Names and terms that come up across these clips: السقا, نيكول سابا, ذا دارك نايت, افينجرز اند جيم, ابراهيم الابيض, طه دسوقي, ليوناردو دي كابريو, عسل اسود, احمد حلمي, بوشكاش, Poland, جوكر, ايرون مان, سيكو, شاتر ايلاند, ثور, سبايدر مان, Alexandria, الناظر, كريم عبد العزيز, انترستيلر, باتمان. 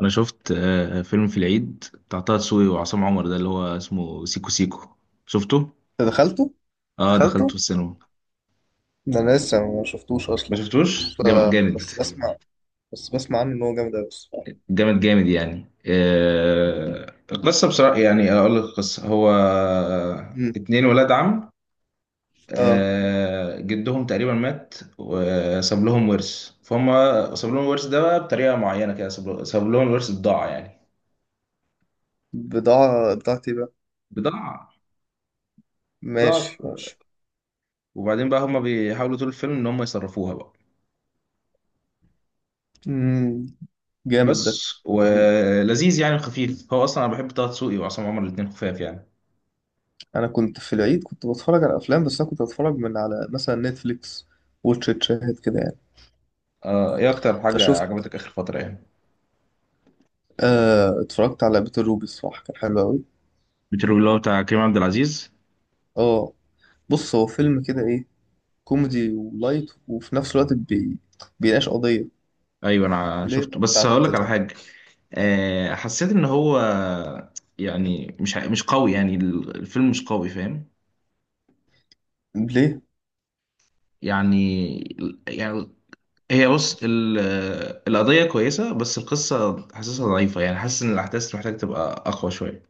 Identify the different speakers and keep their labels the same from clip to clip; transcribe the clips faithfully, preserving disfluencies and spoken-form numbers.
Speaker 1: انا شفت آه، فيلم في العيد بتاع طه دسوقي وعصام عمر ده اللي هو اسمه سيكو سيكو. شفته.
Speaker 2: انت دخلته.
Speaker 1: اه، دخلته في
Speaker 2: دخلته
Speaker 1: السينما.
Speaker 2: ده انا لسه ما شفتوش
Speaker 1: ما
Speaker 2: اصلا.
Speaker 1: شفتوش.
Speaker 2: بس
Speaker 1: جامد جامد.
Speaker 2: بس بسمع بس بسمع عنه ان هو جامد قوي الصراحه.
Speaker 1: جامد جامد يعني. آه، القصه بصراحه، يعني اقول لك القصه، هو
Speaker 2: امم
Speaker 1: اتنين ولاد عم.
Speaker 2: اه
Speaker 1: آه، جدهم تقريبا مات وساب لهم ورث فهم. ساب لهم الورث ده بقى بطريقه معينه كده، ساب ساب لهم الورث بضاعه يعني.
Speaker 2: بضاعه بتاعتي بقى.
Speaker 1: بضاعه. بضاعه.
Speaker 2: ماشي ماشي.
Speaker 1: وبعدين بقى هم بيحاولوا طول الفيلم ان هم يصرفوها بقى.
Speaker 2: امم جامد ده.
Speaker 1: بس ولذيذ يعني، خفيف، هو اصلا انا بحب طه دسوقي وعصام عمر الاثنين خفاف يعني.
Speaker 2: انا كنت في العيد كنت بتفرج على افلام، بس انا كنت بتفرج من على مثلا نتفليكس، واتش إت، شاهد كده يعني.
Speaker 1: آه، ايه اكتر حاجه
Speaker 2: فشفت
Speaker 1: عجبتك اخر فتره يعني؟
Speaker 2: آه اتفرجت على بيت الروبي، الصراحه كان حلو قوي.
Speaker 1: بتروي اللي هو بتاع كريم عبد العزيز؟
Speaker 2: اه. بص، هو فيلم كده ايه؟ كوميدي ولايت وفي نفس الوقت بي... بيناقش قضيه
Speaker 1: ايوه، انا
Speaker 2: اللي هي
Speaker 1: شفته بس
Speaker 2: بتاعت.
Speaker 1: هقول لك على حاجه. آه حسيت ان هو، يعني مش مش قوي، يعني الفيلم مش قوي، فاهم؟
Speaker 2: ليه؟
Speaker 1: يعني. يعني. هي، بص، ال- القضيه كويسه بس القصه حاسسها ضعيفه، يعني حاسس ان الاحداث محتاج تبقى اقوى شويه.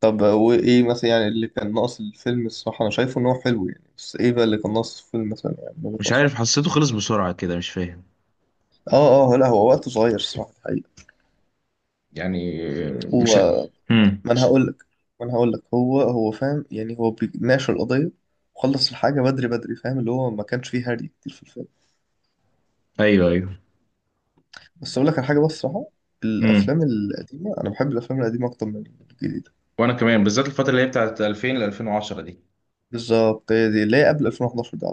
Speaker 2: طب وإيه مثلا يعني اللي كان ناقص الفيلم؟ الصراحة أنا شايفه إن هو حلو يعني، بس إيه بقى اللي كان ناقص الفيلم مثلا يعني من وجهة
Speaker 1: مش
Speaker 2: نظري؟
Speaker 1: عارف، حسيته خلص بسرعه كده، مش فاهم.
Speaker 2: آه آه، لا هو وقته صغير الصراحة الحقيقة.
Speaker 1: يعني.
Speaker 2: هو
Speaker 1: مش. امم.
Speaker 2: ما أنا هقول لك ما أنا هقول لك، هو هو فاهم يعني، هو بيناقش القضية وخلص الحاجة بدري بدري فاهم، اللي هو ما كانش فيه هري كتير في الفيلم.
Speaker 1: ايوه ايوه.
Speaker 2: بس أقول لك على حاجة بس الصراحة،
Speaker 1: امم.
Speaker 2: الأفلام القديمة أنا بحب الأفلام القديمة أكتر من الجديدة.
Speaker 1: وانا كمان، بالذات الفتره اللي هي بتاعت ألفين ل ألفين وعشرة دي.
Speaker 2: بالظبط، هي دي اللي هي قبل ألفين وحداشر دي.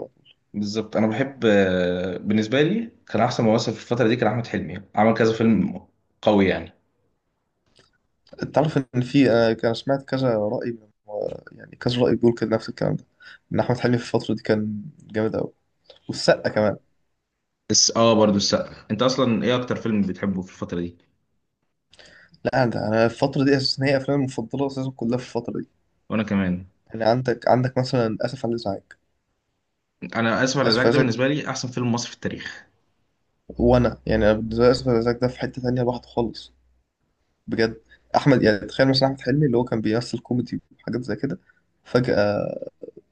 Speaker 1: بالظبط انا بحب. آه، بالنسبه لي كان احسن ممثل في الفتره دي كان احمد حلمي، عمل كذا فيلم قوي يعني.
Speaker 2: تعرف ان في انا كان سمعت كذا راي من آه، يعني كذا راي بيقول كده نفس الكلام ده، ان احمد حلمي في الفتره دي كان جامد قوي، والسقا كمان.
Speaker 1: بس اه برضو السقا. انت اصلا ايه اكتر فيلم بتحبه في الفتره دي؟
Speaker 2: لا ده انا الفتره دي اساسا هي افلامي المفضله اساسا كلها في الفتره دي.
Speaker 1: وانا كمان.
Speaker 2: يعني عندك عندك مثلا اسف على الازعاج.
Speaker 1: انا اسف على
Speaker 2: اسف
Speaker 1: الازعاج
Speaker 2: على
Speaker 1: ده
Speaker 2: الازعاج،
Speaker 1: بالنسبه لي احسن فيلم مصري في التاريخ.
Speaker 2: وانا يعني انا بالنسبه لي اسف على الازعاج ده في حته تانية لوحده خالص، بجد. احمد يعني تخيل مثلا احمد حلمي اللي هو كان بيمثل كوميدي وحاجات زي كده، فجاه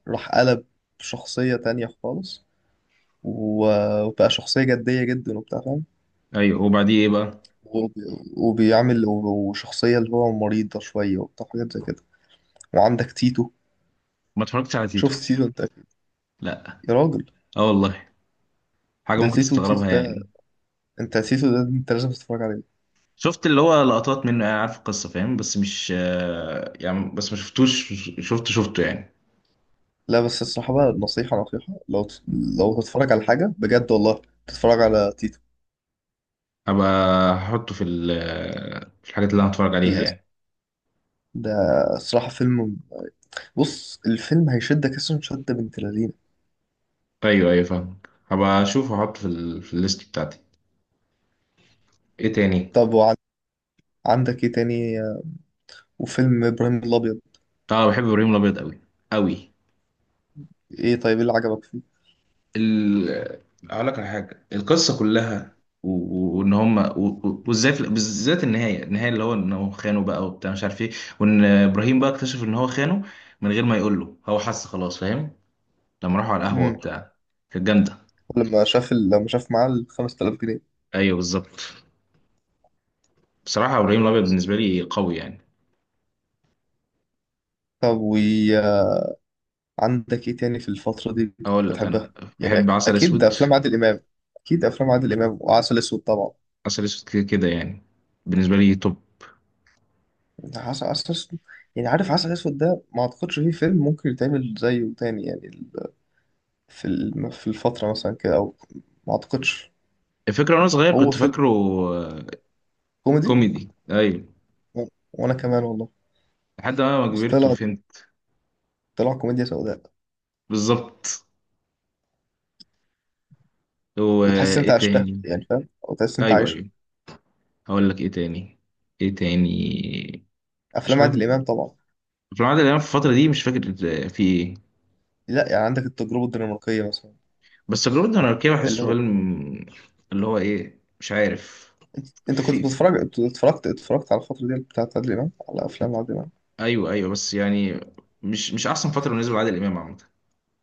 Speaker 2: راح قلب شخصيه تانية خالص. و- وبقى شخصيه جديه جدا وبتاع فاهم.
Speaker 1: ايوه، وبعديه ايه بقى؟
Speaker 2: وبي- وبيعمل وب- وشخصية اللي هو مريضة شوية وبتاع حاجات زي كده. وعندك تيتو.
Speaker 1: ما اتفرجتش على تيتو.
Speaker 2: شفت تيتو انت؟
Speaker 1: لا.
Speaker 2: يا راجل،
Speaker 1: اه والله. حاجه
Speaker 2: ده
Speaker 1: ممكن
Speaker 2: تيتو تيتو
Speaker 1: تستغربها
Speaker 2: ده
Speaker 1: يعني.
Speaker 2: انت تيتو ده انت لازم تتفرج عليه.
Speaker 1: شفت اللي هو لقطات منه يعني، عارف القصة فاهم، بس مش، آه، يعني، بس ما شفتوش. شفت شفته يعني.
Speaker 2: لا بس الصراحة بقى، نصيحة نصيحة، لو ت- لو تتفرج على حاجة بجد والله، تتفرج على تيتو
Speaker 1: هبقى. هحطه في ال- آه، في الحاجات اللي انا هتفرج
Speaker 2: في
Speaker 1: عليها
Speaker 2: الليست
Speaker 1: يعني.
Speaker 2: ده. الصراحة فيلم، بص الفيلم هيشدك، اسم شد بنت لذينة.
Speaker 1: ايوه ايوه فاهم. هبقى اشوف، هحطه في ال... في الليست بتاعتي. ايه تاني؟
Speaker 2: طب وعندك ايه تاني؟ وفيلم ابراهيم الابيض.
Speaker 1: اه، بحب ابراهيم الابيض قوي قوي.
Speaker 2: ايه طيب، ايه اللي عجبك فيه؟
Speaker 1: ال... آه، اقول لك على حاجة، القصة كلها، و- و- وان هم، و- و- وازاي في... بالذات النهاية النهاية اللي هو انه خانه بقى وبتاع مش عارف ايه. وان ابراهيم بقى اكتشف ان هو خانه من غير ما يقول له، هو حس خلاص فاهم. لما راحوا على القهوة
Speaker 2: امم
Speaker 1: وبتاع، كانت جامدة.
Speaker 2: لما شاف ال- لما شاف معاه ال خمستلاف جنيه.
Speaker 1: أيوه بالظبط. بصراحة إبراهيم الأبيض بالنسبة لي قوي يعني.
Speaker 2: طب عندك ايه تاني في الفترة دي
Speaker 1: أقول لك
Speaker 2: بتحبها؟
Speaker 1: أنا.
Speaker 2: يعني
Speaker 1: بحب
Speaker 2: أك...
Speaker 1: عسل
Speaker 2: اكيد
Speaker 1: أسود.
Speaker 2: افلام عادل امام. اكيد افلام عادل امام وعسل اسود طبعا.
Speaker 1: عسل أسود كده كده يعني، بالنسبة لي توب.
Speaker 2: عسل عسل اسود يعني، عارف عسل اسود ده ما اعتقدش فيه فيلم ممكن يتعمل زيه تاني يعني ال- في الم- في الفترة مثلا كده او، ما اعتقدش.
Speaker 1: الفكرة وأنا صغير
Speaker 2: هو
Speaker 1: كنت
Speaker 2: فيلم
Speaker 1: فاكره آه،
Speaker 2: كوميدي،
Speaker 1: كوميدي. أيوه،
Speaker 2: و... وانا كمان والله،
Speaker 1: لحد ما ما
Speaker 2: بس
Speaker 1: كبرت
Speaker 2: طلع
Speaker 1: وفهمت.
Speaker 2: طلع كوميديا سوداء.
Speaker 1: بالظبط.
Speaker 2: وتحس إن انت
Speaker 1: وإيه
Speaker 2: عشتها
Speaker 1: تاني؟
Speaker 2: يعني فاهم، او تحس إن انت
Speaker 1: أيوه
Speaker 2: عايشها.
Speaker 1: أيوه. هقول لك إيه تاني. إيه تاني. مفيش
Speaker 2: افلام
Speaker 1: حاجة
Speaker 2: عادل
Speaker 1: في.
Speaker 2: امام طبعا.
Speaker 1: في العادة اللي أنا في الفترة دي مش فاكر. آه، في إيه.
Speaker 2: لا يعني عندك التجربة الدنماركية مثلا،
Speaker 1: بس تجربة الأناركية
Speaker 2: اللي
Speaker 1: بحسه
Speaker 2: هو.
Speaker 1: فيلم اللي هو إيه مش عارف
Speaker 2: انت كنت
Speaker 1: في.
Speaker 2: بتتفرج، اتفرجت اتفرجت على الفترة دي بتاعت عادل امام، على افلام عادل امام؟
Speaker 1: ايوه ايوه، بس يعني مش مش احسن فتره بالنسبه لعادل امام عامه.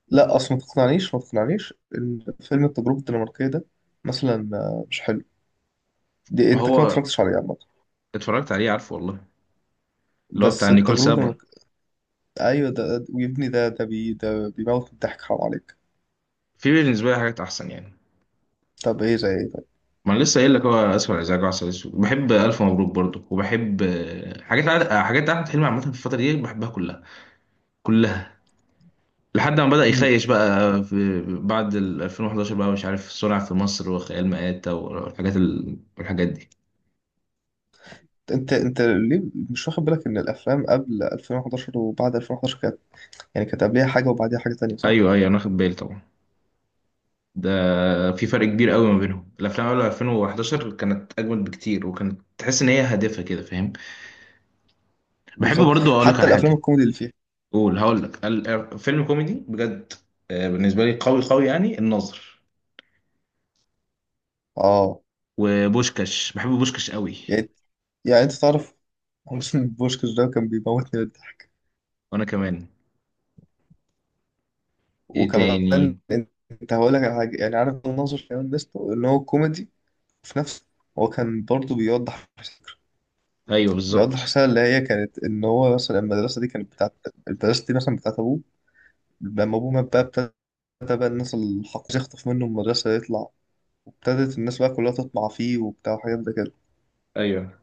Speaker 2: لا اصل، ما تقنعنيش ما تقنعنيش ان فيلم التجربة الدنماركية ده مثلا آه، مش حلو. دي
Speaker 1: ما
Speaker 2: انت كده ما
Speaker 1: هو
Speaker 2: اتفرجتش عليه عامة.
Speaker 1: اتفرجت عليه، عارفه والله. اللي هو بتاع
Speaker 2: بس
Speaker 1: نيكول
Speaker 2: التجربة
Speaker 1: سابا.
Speaker 2: الدنماركية، ايوه ده ده- ويبني ده ده بي ده بيموت من الضحك حرام عليك.
Speaker 1: في بالنسبه لي حاجات احسن يعني.
Speaker 2: طب ايه زي ايه طيب؟
Speaker 1: ما انا لسه قايل لك، هو اسف على الازعاج وعسل اسود، بحب الف مبروك برضه، وبحب آه، حاجات عاد- آه، حاجات احمد حلمي عامه في الفتره دي بحبها كلها. كلها. لحد ما بدا
Speaker 2: مم.
Speaker 1: يخيش بقى في بعد ال ألفين وحداشر بقى، مش عارف صنع في مصر وخيال مآتة والحاجات ال... والحاجات دي.
Speaker 2: انت انت ليه مش واخد بالك ان الافلام قبل ألفين وحداشر وبعد ألفين وحداشر كانت، يعني كانت قبليها حاجة وبعديها حاجة تانية، صح؟
Speaker 1: ايوه ايوه، انا واخد بالي طبعا. ده في فرق كبير قوي ما بينهم، الافلام قبل ألفين واحد كانت اجمد بكتير وكانت تحس ان هي هادفه كده فاهم. بحب
Speaker 2: بالظبط.
Speaker 1: برضو، اقول لك
Speaker 2: حتى
Speaker 1: على
Speaker 2: الافلام
Speaker 1: حاجه.
Speaker 2: الكوميدي اللي فيها.
Speaker 1: قول هقول لك ال- فيلم كوميدي بجد. آه، بالنسبه لي قوي قوي يعني الناظر.
Speaker 2: اه.
Speaker 1: وبوشكاش، بحب بوشكاش قوي.
Speaker 2: يعني يعني انت تعرف حسين بوشكش ده كان بيموتني بالضحك.
Speaker 1: وانا كمان. ايه
Speaker 2: وكمان
Speaker 1: تاني؟
Speaker 2: انت هقول لك على حاجه، يعني عارف الناظر كمان ميزته ان هو كوميدي في نفسه، هو كان برضه بيوضح فكره،
Speaker 1: ايوه بالظبط.
Speaker 2: بيوضح رساله اللي هي كانت ان هو مثلا المدرسه دي كانت بتاعت، المدرسه دي مثلا بتاعت ابوه، لما ابوه مات بقى ابتدى بقى الناس الحق يخطف منه المدرسه يطلع، وابتدت الناس بقى كلها تطمع فيه وبتاع وحاجات ده كده.
Speaker 1: ايوه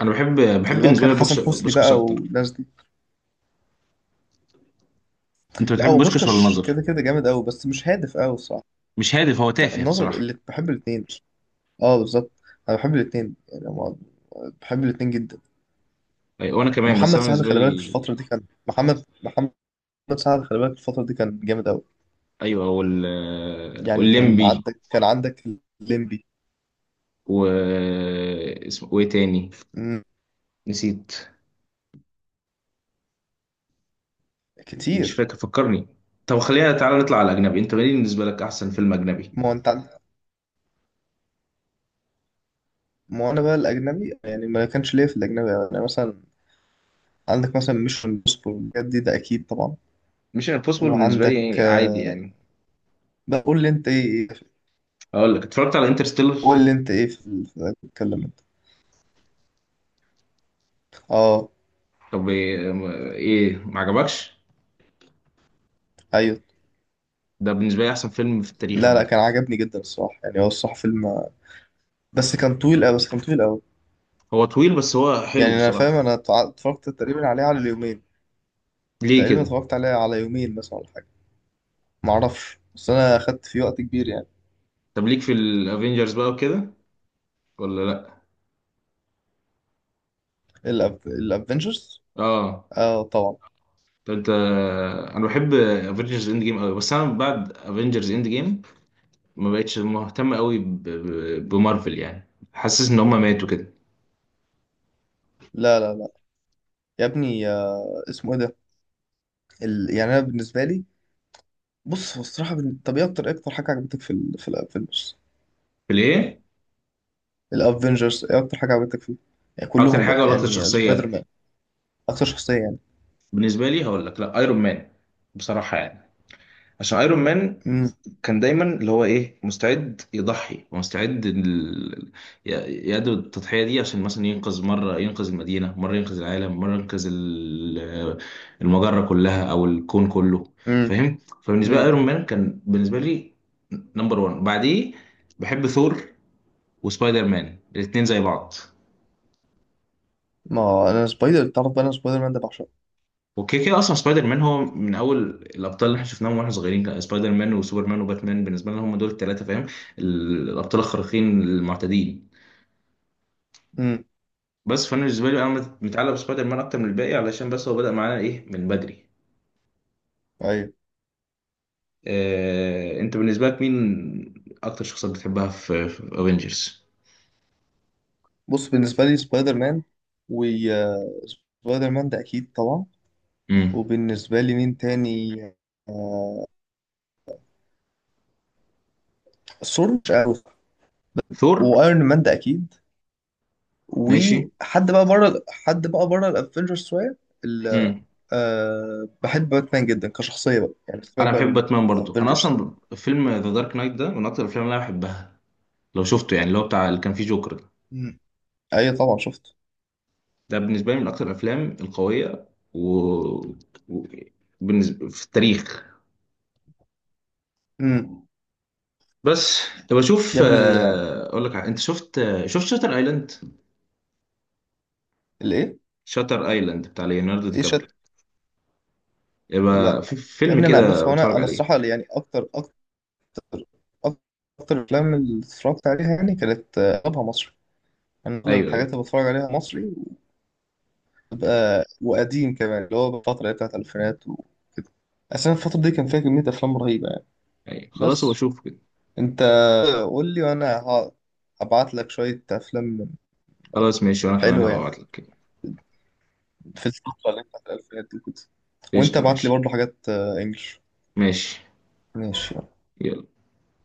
Speaker 1: انا بحب، بحب
Speaker 2: اللي هو
Speaker 1: بالنسبه
Speaker 2: كان
Speaker 1: لي
Speaker 2: حسن
Speaker 1: بوكش-
Speaker 2: حسني
Speaker 1: بوشكاش
Speaker 2: بقى
Speaker 1: اكتر.
Speaker 2: والناس دي.
Speaker 1: انت
Speaker 2: لا
Speaker 1: بتحب
Speaker 2: هو
Speaker 1: بوشكاش ولا
Speaker 2: بوشكاش
Speaker 1: الناظر؟
Speaker 2: كده كده جامد قوي بس مش هادف قوي.
Speaker 1: مش هادف، هو
Speaker 2: لا
Speaker 1: تافه
Speaker 2: النظر،
Speaker 1: بصراحه.
Speaker 2: اللي بحب الاثنين. اه بالظبط، انا بحب الاثنين يعني. أنا بحب الاثنين جدا.
Speaker 1: أيوة وانا كمان، بس
Speaker 2: ومحمد
Speaker 1: انا
Speaker 2: سعد
Speaker 1: بالنسبه
Speaker 2: خلي بالك في الفتره
Speaker 1: لي.
Speaker 2: دي كان، محمد محمد سعد خلي بالك في الفتره دي كان جامد قوي.
Speaker 1: ايوه وال
Speaker 2: يعني كان
Speaker 1: والليمبي
Speaker 2: عندك كان عندك الليمبي.
Speaker 1: و اسمه، وايه تاني؟
Speaker 2: مم،
Speaker 1: نسيت. مش
Speaker 2: كتير.
Speaker 1: فاكر فكرني. طب، خلينا تعالى نطلع على الاجنبي. انت مين بالنسبه لك احسن فيلم اجنبي؟
Speaker 2: ما هو انت عن- ما هو انا بقى الاجنبي يعني ما كانش ليا في الاجنبي، يعني مثلا عندك مثلا ميشن امبوسيبل الحاجات دي ده اكيد طبعا.
Speaker 1: مش امبوسيبل بالنسبه
Speaker 2: وعندك
Speaker 1: لي عادي
Speaker 2: آه،
Speaker 1: يعني.
Speaker 2: بقول لي انت ايه إيه-
Speaker 1: اقول لك، اتفرجت على انترستيلر.
Speaker 2: قول لي انت ايه في في- بتتكلم انت. اه.
Speaker 1: طب ايه، إيه، ما عجبكش؟
Speaker 2: ايوه.
Speaker 1: ده بالنسبه لي احسن فيلم في التاريخ
Speaker 2: لا
Speaker 1: عامه.
Speaker 2: لا، كان عجبني جدا الصراحة يعني، هو الصراحة فيلم بس كان طويل أوي، بس كان طويل أوي.
Speaker 1: هو طويل بس هو
Speaker 2: يعني
Speaker 1: حلو
Speaker 2: أنا فاهم،
Speaker 1: بصراحه.
Speaker 2: أنا اتع- اتفرجت تقريبا عليه على اليومين،
Speaker 1: ليه
Speaker 2: تقريبا
Speaker 1: كده؟
Speaker 2: اتفرجت عليه على يومين مثلا ولا حاجة، معرفش بس أنا أخدت فيه وقت كبير يعني.
Speaker 1: طب، ليك في الافينجرز بقى وكده ولا لا؟
Speaker 2: الأف... الأفنجرز؟
Speaker 1: اه.
Speaker 2: آه طبعا.
Speaker 1: طب انت. انا بحب افينجرز اند جيم قوي، بس انا بعد افينجرز اند جيم ما بقتش مهتم قوي ب- ب- بمارفل يعني. حاسس ان هم ماتوا كده.
Speaker 2: لا لا لا، يا ابني آه، اسمه إيه ده ال... يعني أنا بالنسبة لي، بص هو الصراحة بن... طب إيه أكتر، إيه أكتر حاجة عجبتك في ال... في الأفنجرز؟
Speaker 1: ليه؟
Speaker 2: الأفنجرز إيه أكتر حاجة عجبتك فيه؟ يعني
Speaker 1: اكتر
Speaker 2: كلهم بقى،
Speaker 1: حاجه ولا اكتر
Speaker 2: يعني سبايدر
Speaker 1: شخصيه؟
Speaker 2: مان. أكتر شخصية يعني.
Speaker 1: بالنسبه لي هقول لك، لا ايرون مان بصراحه يعني. عشان ايرون مان كان دايما اللي هو ايه مستعد يضحي، ومستعد ال- ي- يأدي التضحيه دي، عشان مثلا ينقذ مره، ينقذ المدينه مره، ينقذ العالم مره، ينقذ ال- المجره كلها او الكون كله فاهم. فبالنسبه لي
Speaker 2: امم.
Speaker 1: ايرون مان كان بالنسبه لي نمبر واحد. بعديه بحب ثور وسبايدر مان الاثنين زي بعض.
Speaker 2: ما هو انا سبايدر، تعرف بقى انا سبايدر مان ده بعشقه.
Speaker 1: وكده كده، اصلا سبايدر مان هو من اول الابطال اللي احنا شفناهم واحنا صغيرين. كان سبايدر مان وسوبرمان وباتمان بالنسبه لنا هم دول الثلاثه فاهم، ال- الابطال الخارقين المعتدين.
Speaker 2: امم.
Speaker 1: بس فانا بالنسبه لي انا مت- متعلق بسبايدر مان اكتر من الباقي، علشان بس هو بدأ معانا ايه من بدري.
Speaker 2: ايوه.
Speaker 1: آه، انت بالنسبه لك مين اكتر شخصيات بتحبها في افنجرز؟
Speaker 2: بص بالنسبه لي سبايدر مان، و آه، سبايدر مان ده اكيد طبعا.
Speaker 1: امم.
Speaker 2: وبالنسبه لي مين تاني؟ آه... ثور، مش عارف.
Speaker 1: ثور.
Speaker 2: وايرون مان ده اكيد.
Speaker 1: ماشي.
Speaker 2: وحد بقى بره حد بقى بره الافنجرز شويه ال-
Speaker 1: امم.
Speaker 2: آه... بحب باتمان جدا كشخصيه بقى، يعني سيبك
Speaker 1: انا
Speaker 2: بقى
Speaker 1: بحب
Speaker 2: من
Speaker 1: باتمان برضو، انا
Speaker 2: الافنجرز.
Speaker 1: اصلا فيلم ذا دارك نايت ده من اكتر الافلام اللي انا بحبها، لو شفته يعني، اللي هو بتاع اللي كان فيه جوكر.
Speaker 2: مم. ايوه طبعا شفت.
Speaker 1: ده بالنسبة لي من أكتر الأفلام القوية و... و... بالنسبة في التاريخ.
Speaker 2: امم.
Speaker 1: بس، طب أشوف.
Speaker 2: يا ابني آه،
Speaker 1: آه، أقول لك، ع- أنت شفت آه، شفت شاتر أيلاند؟
Speaker 2: الايه؟
Speaker 1: شاتر أيلاند بتاع ليوناردو دي
Speaker 2: ايه
Speaker 1: كابريو.
Speaker 2: شت
Speaker 1: يبقى
Speaker 2: لا
Speaker 1: في
Speaker 2: يا
Speaker 1: فيلم
Speaker 2: ابني انا،
Speaker 1: كده
Speaker 2: بص هو انا
Speaker 1: بتفرج
Speaker 2: انا
Speaker 1: عليه.
Speaker 2: الصراحه يعني اكتر، اكتر الافلام اللي اتفرجت عليها يعني كانت آه، اغلبها مصري. انا اغلب
Speaker 1: أيوه
Speaker 2: الحاجات
Speaker 1: أيوه
Speaker 2: اللي بتفرج عليها مصري. وبتبقى وقديم كمان، اللي هو الفتره اللي هي بتاعت الالفينات وكده، اصلا الفتره دي كان فيها كميه افلام رهيبه يعني.
Speaker 1: أيوه، خلاص هو
Speaker 2: بس
Speaker 1: أشوفه كده.
Speaker 2: انت قول لي وانا ه- هبعت لك شويه افلام
Speaker 1: خلاص ماشي، وأنا كمان
Speaker 2: حلوه
Speaker 1: هبقى
Speaker 2: يعني،
Speaker 1: أبعت لك كده.
Speaker 2: في الفتره اللي هي بتاعت الالفينات دي كده. وانت
Speaker 1: قشطة
Speaker 2: ابعت لي
Speaker 1: ماشي.
Speaker 2: برضه حاجات آه، انجلش.
Speaker 1: ماشي
Speaker 2: ماشي.
Speaker 1: يلا.